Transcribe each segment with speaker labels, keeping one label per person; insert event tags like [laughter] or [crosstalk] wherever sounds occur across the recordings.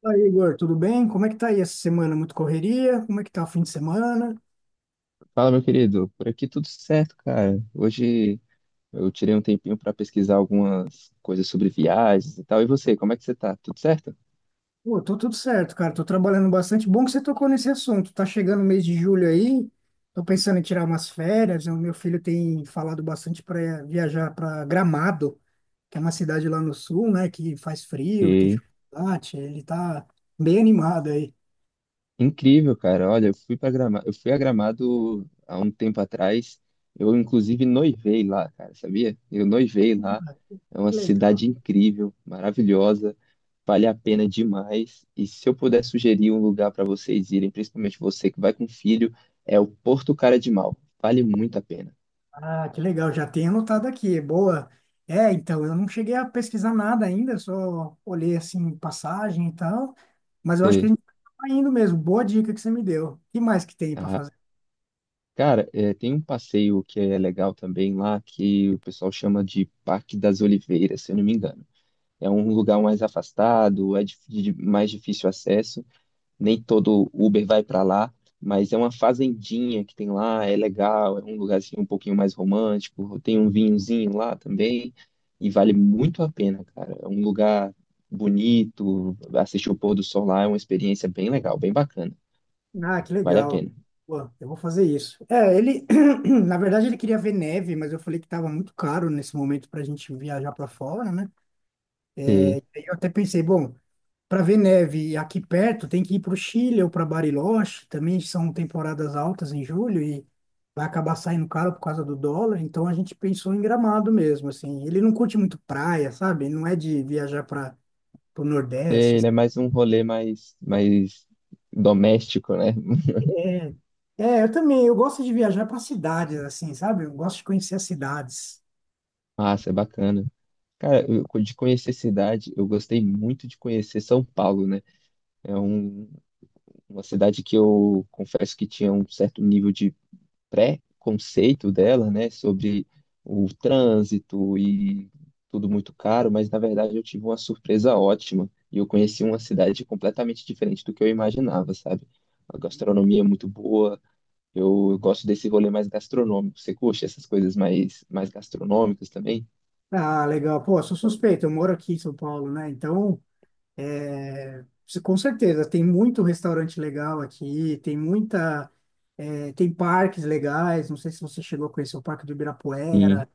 Speaker 1: Fala, Igor, tudo bem? Como é que tá aí essa semana? Muito correria? Como é que tá o fim de semana?
Speaker 2: Fala, meu querido. Por aqui tudo certo, cara. Hoje eu tirei um tempinho para pesquisar algumas coisas sobre viagens e tal. E você, como é que você tá? Tudo certo?
Speaker 1: Pô, tô tudo certo, cara. Tô trabalhando bastante. Bom que você tocou nesse assunto. Tá chegando o mês de julho aí. Tô pensando em tirar umas férias. O meu filho tem falado bastante para viajar para Gramado, que é uma cidade lá no sul, né? Que faz frio, tem
Speaker 2: E
Speaker 1: chocolate. Ele tá bem animado aí.
Speaker 2: incrível, cara. Olha, eu fui a Gramado há um tempo atrás. Eu inclusive noivei lá, cara, sabia? Eu noivei
Speaker 1: Pô,
Speaker 2: lá.
Speaker 1: cara.
Speaker 2: É uma
Speaker 1: Que legal.
Speaker 2: cidade incrível, maravilhosa, vale a pena demais. E se eu puder sugerir um lugar para vocês irem, principalmente você que vai com filho, é o Porto Cara de Mal. Vale muito a pena.
Speaker 1: Ah, que legal, já tenho anotado aqui, boa. É, então, eu não cheguei a pesquisar nada ainda, só olhei, assim, passagem e tal, mas eu acho que a gente tá indo mesmo, boa dica que você me deu. O que mais que tem para
Speaker 2: Ah,
Speaker 1: fazer?
Speaker 2: cara, é, tem um passeio que é legal também lá, que o pessoal chama de Parque das Oliveiras, se eu não me engano. É um lugar mais afastado, é de mais difícil acesso, nem todo Uber vai para lá, mas é uma fazendinha que tem lá, é legal, é um lugar assim, um pouquinho mais romântico, tem um vinhozinho lá também, e vale muito a pena, cara. É um lugar bonito, assistir o pôr do sol lá é uma experiência bem legal, bem bacana,
Speaker 1: Ah, que
Speaker 2: vale a
Speaker 1: legal.
Speaker 2: pena.
Speaker 1: Pô, eu vou fazer isso. É, ele, [clears throat] na verdade, ele queria ver neve, mas eu falei que estava muito caro nesse momento para a gente viajar para fora, né? Eu até pensei, bom, para ver neve aqui perto, tem que ir para o Chile ou para Bariloche, também são temporadas altas em julho e vai acabar saindo caro por causa do dólar, então a gente pensou em Gramado mesmo, assim. Ele não curte muito praia, sabe? Não é de viajar para o
Speaker 2: É,
Speaker 1: Nordeste, assim.
Speaker 2: ele é mais um rolê mais doméstico, né?
Speaker 1: É, é, eu também, eu gosto de viajar para cidades, assim, sabe? Eu gosto de conhecer as cidades.
Speaker 2: Massa, é bacana. Cara, de conhecer cidade, eu gostei muito de conhecer São Paulo, né? É um- uma cidade que eu confesso que tinha um certo nível de pré-conceito dela, né? Sobre o trânsito e tudo muito caro, mas na verdade eu tive uma surpresa ótima e eu conheci uma cidade completamente diferente do que eu imaginava, sabe? A gastronomia é muito boa. Eu gosto desse rolê mais gastronômico. Você curte essas coisas mais gastronômicas também?
Speaker 1: Ah, legal. Pô, eu sou suspeito, eu moro aqui em São Paulo, né? Então, é, com certeza, tem muito restaurante legal aqui, tem muita, é, tem parques legais. Não sei se você chegou a conhecer o Parque do Ibirapuera,
Speaker 2: Sim,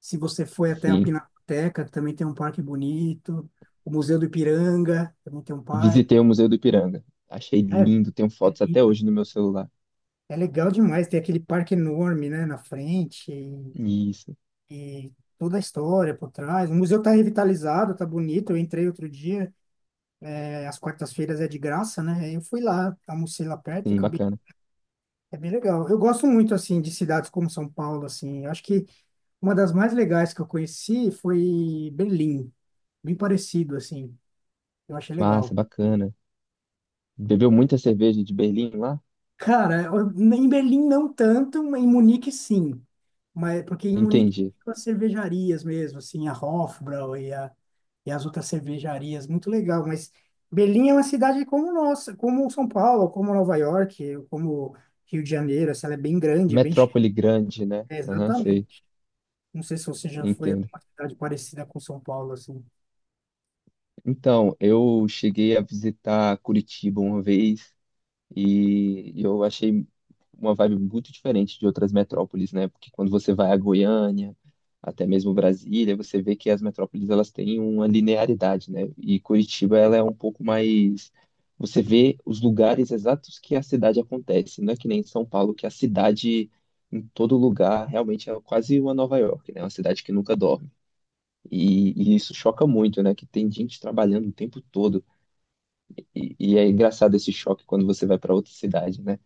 Speaker 1: se você foi até a
Speaker 2: sim.
Speaker 1: Pinacoteca, que também tem um parque bonito, o Museu do Ipiranga também tem um parque.
Speaker 2: Visitei o Museu do Ipiranga. Achei
Speaker 1: É,
Speaker 2: lindo, tenho
Speaker 1: é,
Speaker 2: fotos até
Speaker 1: lindo,
Speaker 2: hoje no meu celular.
Speaker 1: é legal demais, tem aquele parque enorme, né, na frente, e
Speaker 2: Isso,
Speaker 1: toda a história por trás. O museu está revitalizado, está bonito. Eu entrei outro dia, é, às quartas-feiras é de graça, né? Aí eu fui lá, almocei lá perto e
Speaker 2: sim,
Speaker 1: acabei.
Speaker 2: bacana.
Speaker 1: É bem legal. Eu gosto muito, assim, de cidades como São Paulo, assim. Eu acho que uma das mais legais que eu conheci foi Berlim. Bem parecido, assim. Eu achei
Speaker 2: Massa,
Speaker 1: legal.
Speaker 2: bacana. Bebeu muita cerveja de Berlim lá?
Speaker 1: Cara, em Berlim não tanto, mas em Munique sim. Mas, porque em Munique
Speaker 2: Entendi.
Speaker 1: ficam as cervejarias mesmo, assim, a Hofbrau e, a, e as outras cervejarias. Muito legal, mas Berlim é uma cidade como nossa, como São Paulo, como Nova York, como Rio de Janeiro, assim, ela é bem grande, bem.
Speaker 2: Metrópole grande, né?
Speaker 1: É,
Speaker 2: Aham, sei,
Speaker 1: exatamente. Não sei se você já foi a
Speaker 2: entendo.
Speaker 1: uma cidade parecida com São Paulo, assim.
Speaker 2: Então, eu cheguei a visitar Curitiba uma vez. E eu achei uma vibe muito diferente de outras metrópoles, né? Porque quando você vai a Goiânia, até mesmo Brasília, você vê que as metrópoles elas têm uma linearidade, né? E Curitiba ela é um pouco mais, você vê os lugares exatos que a cidade acontece, não é que nem em São Paulo que a cidade em todo lugar realmente é quase uma Nova York, né? É uma cidade que nunca dorme. E isso choca muito, né? Que tem gente trabalhando o tempo todo. E é engraçado esse choque quando você vai para outra cidade, né?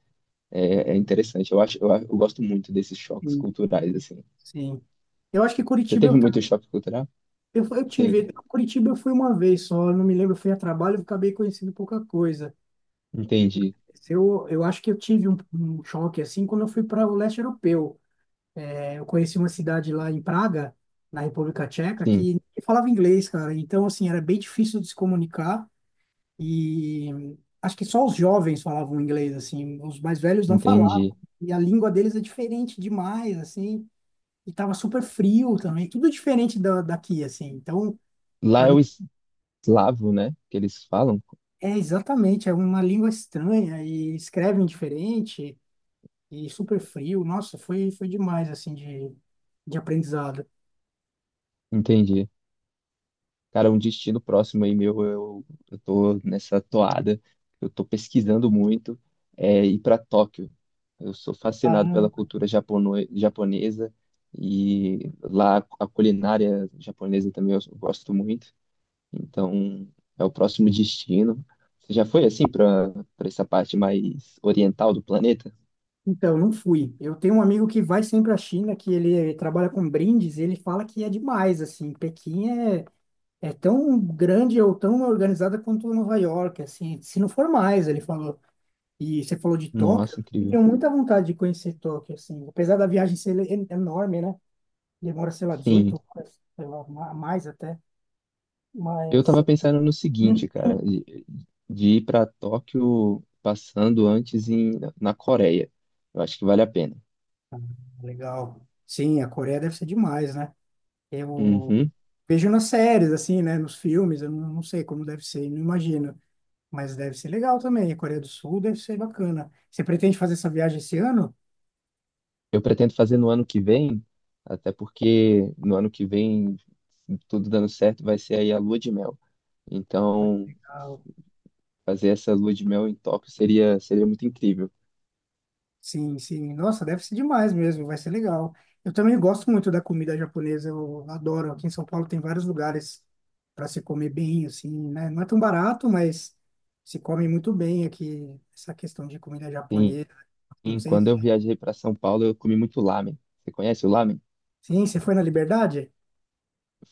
Speaker 2: É, é interessante. Eu acho, eu gosto muito desses choques
Speaker 1: Sim.
Speaker 2: culturais, assim.
Speaker 1: Sim. Eu acho que
Speaker 2: Você
Speaker 1: Curitiba
Speaker 2: teve muito choque cultural?
Speaker 1: eu
Speaker 2: Sim,
Speaker 1: tive. Curitiba eu fui uma vez só, eu não me lembro, eu fui a trabalho, eu acabei conhecendo pouca coisa.
Speaker 2: entendi.
Speaker 1: Eu acho que eu tive um choque assim quando eu fui para o leste europeu. É, eu conheci uma cidade lá em Praga, na República Tcheca, que
Speaker 2: Sim,
Speaker 1: ninguém falava inglês, cara. Então, assim, era bem difícil de se comunicar. E acho que só os jovens falavam inglês, assim, os mais velhos não falavam.
Speaker 2: entendi.
Speaker 1: E a língua deles é diferente demais, assim, e tava super frio também, tudo diferente da, daqui, assim. Então,
Speaker 2: Lá
Speaker 1: para
Speaker 2: é
Speaker 1: mim,
Speaker 2: o eslavo, né? Que eles falam.
Speaker 1: é exatamente, é uma língua estranha e escrevem diferente e super frio. Nossa, foi, foi demais, assim, de aprendizado.
Speaker 2: Entendi. Cara, um destino próximo aí meu, eu tô nessa toada. Eu tô pesquisando muito. É ir para Tóquio. Eu sou fascinado pela
Speaker 1: Caramba.
Speaker 2: cultura japono japonesa e lá a culinária japonesa também eu gosto muito. Então, é o próximo destino. Você já foi assim para essa parte mais oriental do planeta?
Speaker 1: Então, não fui. Eu tenho um amigo que vai sempre à China, que ele trabalha com brindes, e ele fala que é demais, assim, Pequim é tão grande ou tão organizada quanto Nova York, assim, se não for mais, ele falou. E você falou de Tóquio,
Speaker 2: Nossa,
Speaker 1: eu
Speaker 2: incrível.
Speaker 1: tenho muita vontade de conhecer Tóquio, assim, apesar da viagem ser enorme, né? Demora, sei lá,
Speaker 2: Sim,
Speaker 1: 18 horas, sei lá, mais até,
Speaker 2: eu
Speaker 1: mas
Speaker 2: tava pensando no
Speaker 1: hum.
Speaker 2: seguinte, cara,
Speaker 1: [clears throat]
Speaker 2: de ir para Tóquio passando antes na Coreia. Eu acho que vale a pena.
Speaker 1: Legal. Sim, a Coreia deve ser demais, né? Eu
Speaker 2: Uhum.
Speaker 1: vejo nas séries, assim, né? Nos filmes, eu não, não sei como deve ser, não imagino. Mas deve ser legal também. A Coreia do Sul deve ser bacana. Você pretende fazer essa viagem esse ano?
Speaker 2: Eu pretendo fazer no ano que vem, até porque no ano que vem, tudo dando certo, vai ser aí a lua de mel.
Speaker 1: Ah, que
Speaker 2: Então,
Speaker 1: legal.
Speaker 2: fazer essa lua de mel em Tóquio seria muito incrível.
Speaker 1: Sim, sim. Nossa, deve ser demais mesmo, vai ser legal. Eu também gosto muito da comida japonesa, eu adoro. Aqui em São Paulo tem vários lugares para se comer bem, assim, né? Não é tão barato, mas se come muito bem aqui, essa questão de comida japonesa. Não
Speaker 2: Sim,
Speaker 1: sei
Speaker 2: quando
Speaker 1: se...
Speaker 2: eu viajei para São Paulo, eu comi muito lamen. Você conhece o lamen?
Speaker 1: Sim, você foi na Liberdade?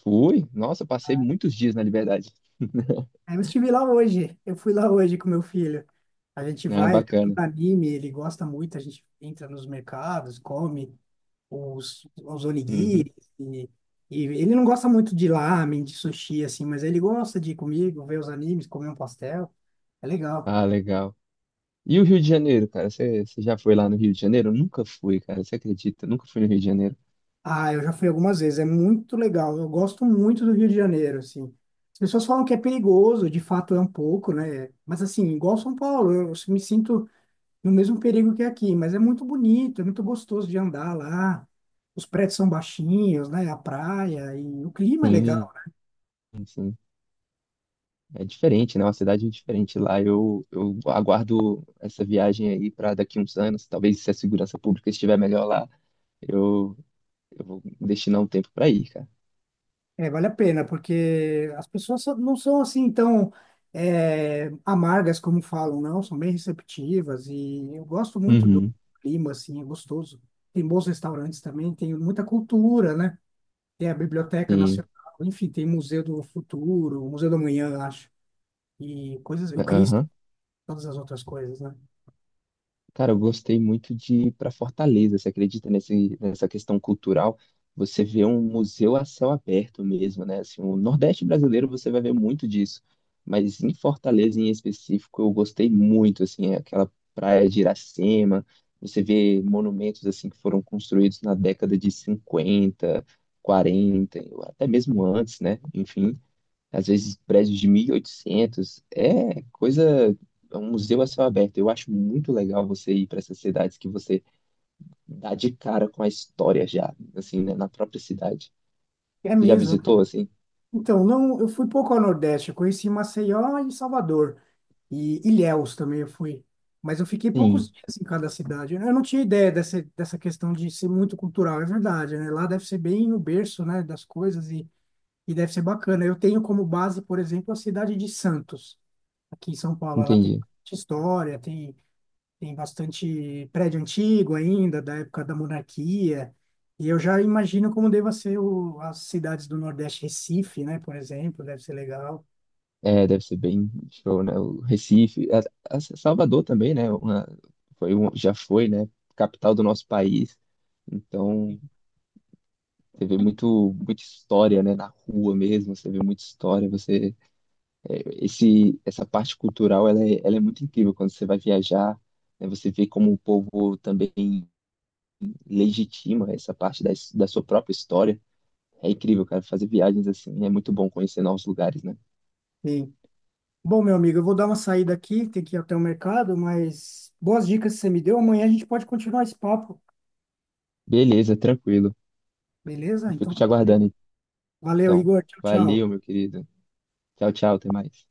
Speaker 2: Fui. Nossa, eu passei muitos dias na Liberdade. [laughs]
Speaker 1: Eu estive lá hoje, eu fui lá hoje com meu filho. A gente
Speaker 2: Ah,
Speaker 1: vai, ele é todo
Speaker 2: bacana.
Speaker 1: anime, ele gosta muito, a gente entra nos mercados, come os
Speaker 2: Uhum.
Speaker 1: onigiri. E, e ele não gosta muito de ramen, de sushi, assim, mas ele gosta de ir comigo, ver os animes, comer um pastel. É legal.
Speaker 2: Ah, legal. E o Rio de Janeiro, cara? Você já foi lá no Rio de Janeiro? Eu nunca fui, cara. Você acredita? Eu nunca fui no Rio de Janeiro.
Speaker 1: Ah, eu já fui algumas vezes, é muito legal. Eu gosto muito do Rio de Janeiro, assim. As pessoas falam que é perigoso, de fato é um pouco, né? Mas assim, igual São Paulo, eu me sinto no mesmo perigo que aqui, mas é muito bonito, é muito gostoso de andar lá. Os prédios são baixinhos, né? A praia e o clima é
Speaker 2: Sim,
Speaker 1: legal.
Speaker 2: sim. É diferente, né? Uma cidade diferente lá. Eu, aguardo essa viagem aí para daqui uns anos. Talvez se a segurança pública estiver melhor lá, eu, eu vou destinar um tempo para ir, cara.
Speaker 1: É, vale a pena, porque as pessoas não são assim tão, é, amargas como falam, não, são bem receptivas e eu gosto muito do
Speaker 2: Uhum.
Speaker 1: clima, assim, é gostoso. Tem bons restaurantes também, tem muita cultura, né? Tem a Biblioteca
Speaker 2: Sim.
Speaker 1: Nacional, enfim, tem Museu do Futuro, Museu do Amanhã, acho, e coisas, o Cristo,
Speaker 2: Aham.
Speaker 1: todas as outras coisas, né?
Speaker 2: Cara, eu gostei muito de ir para Fortaleza. Você acredita nessa questão cultural? Você vê um museu a céu aberto mesmo, né? Assim, o Nordeste brasileiro você vai ver muito disso. Mas em Fortaleza, em específico, eu gostei muito, assim, é aquela praia de Iracema. Você vê monumentos, assim, que foram construídos na década de 50, 40, ou até mesmo antes, né? Enfim, às vezes prédios de 1800. É coisa, é um museu a céu aberto. Eu acho muito legal você ir para essas cidades que você dá de cara com a história já, assim, né, na própria cidade.
Speaker 1: É
Speaker 2: Você já
Speaker 1: mesmo.
Speaker 2: visitou, assim?
Speaker 1: Então, não, eu fui pouco ao Nordeste, eu conheci Maceió e Salvador, e Ilhéus também eu fui, mas eu fiquei poucos
Speaker 2: Sim,
Speaker 1: dias em cada cidade. Eu não tinha ideia dessa, dessa questão de ser muito cultural, é verdade, né? Lá deve ser bem o berço, né, das coisas e deve ser bacana. Eu tenho como base, por exemplo, a cidade de Santos, aqui em São Paulo. Ela tem
Speaker 2: entendi.
Speaker 1: bastante história, tem bastante prédio antigo ainda, da época da monarquia. E eu já imagino como deva ser o, as cidades do Nordeste, Recife, né, por exemplo, deve ser legal.
Speaker 2: É, deve ser bem show, né? O Recife, a Salvador também, né? Uma, foi um, já foi, né? Capital do nosso país. Então, você vê muito, muita história, né? Na rua mesmo, você vê muita história, essa parte cultural, ela é muito incrível quando você vai viajar, né, você vê como o povo também legitima essa parte da, da sua própria história. É incrível, cara, fazer viagens assim, é muito bom conhecer novos lugares, né?
Speaker 1: Sim. Bom, meu amigo, eu vou dar uma saída aqui, tem que ir até o mercado, mas boas dicas que você me deu. Amanhã a gente pode continuar esse papo,
Speaker 2: Beleza, tranquilo.
Speaker 1: beleza?
Speaker 2: Eu
Speaker 1: Então,
Speaker 2: fico te aguardando,
Speaker 1: valeu,
Speaker 2: então.
Speaker 1: Igor. Tchau, tchau.
Speaker 2: Valeu, meu querido. Tchau, tchau, até mais.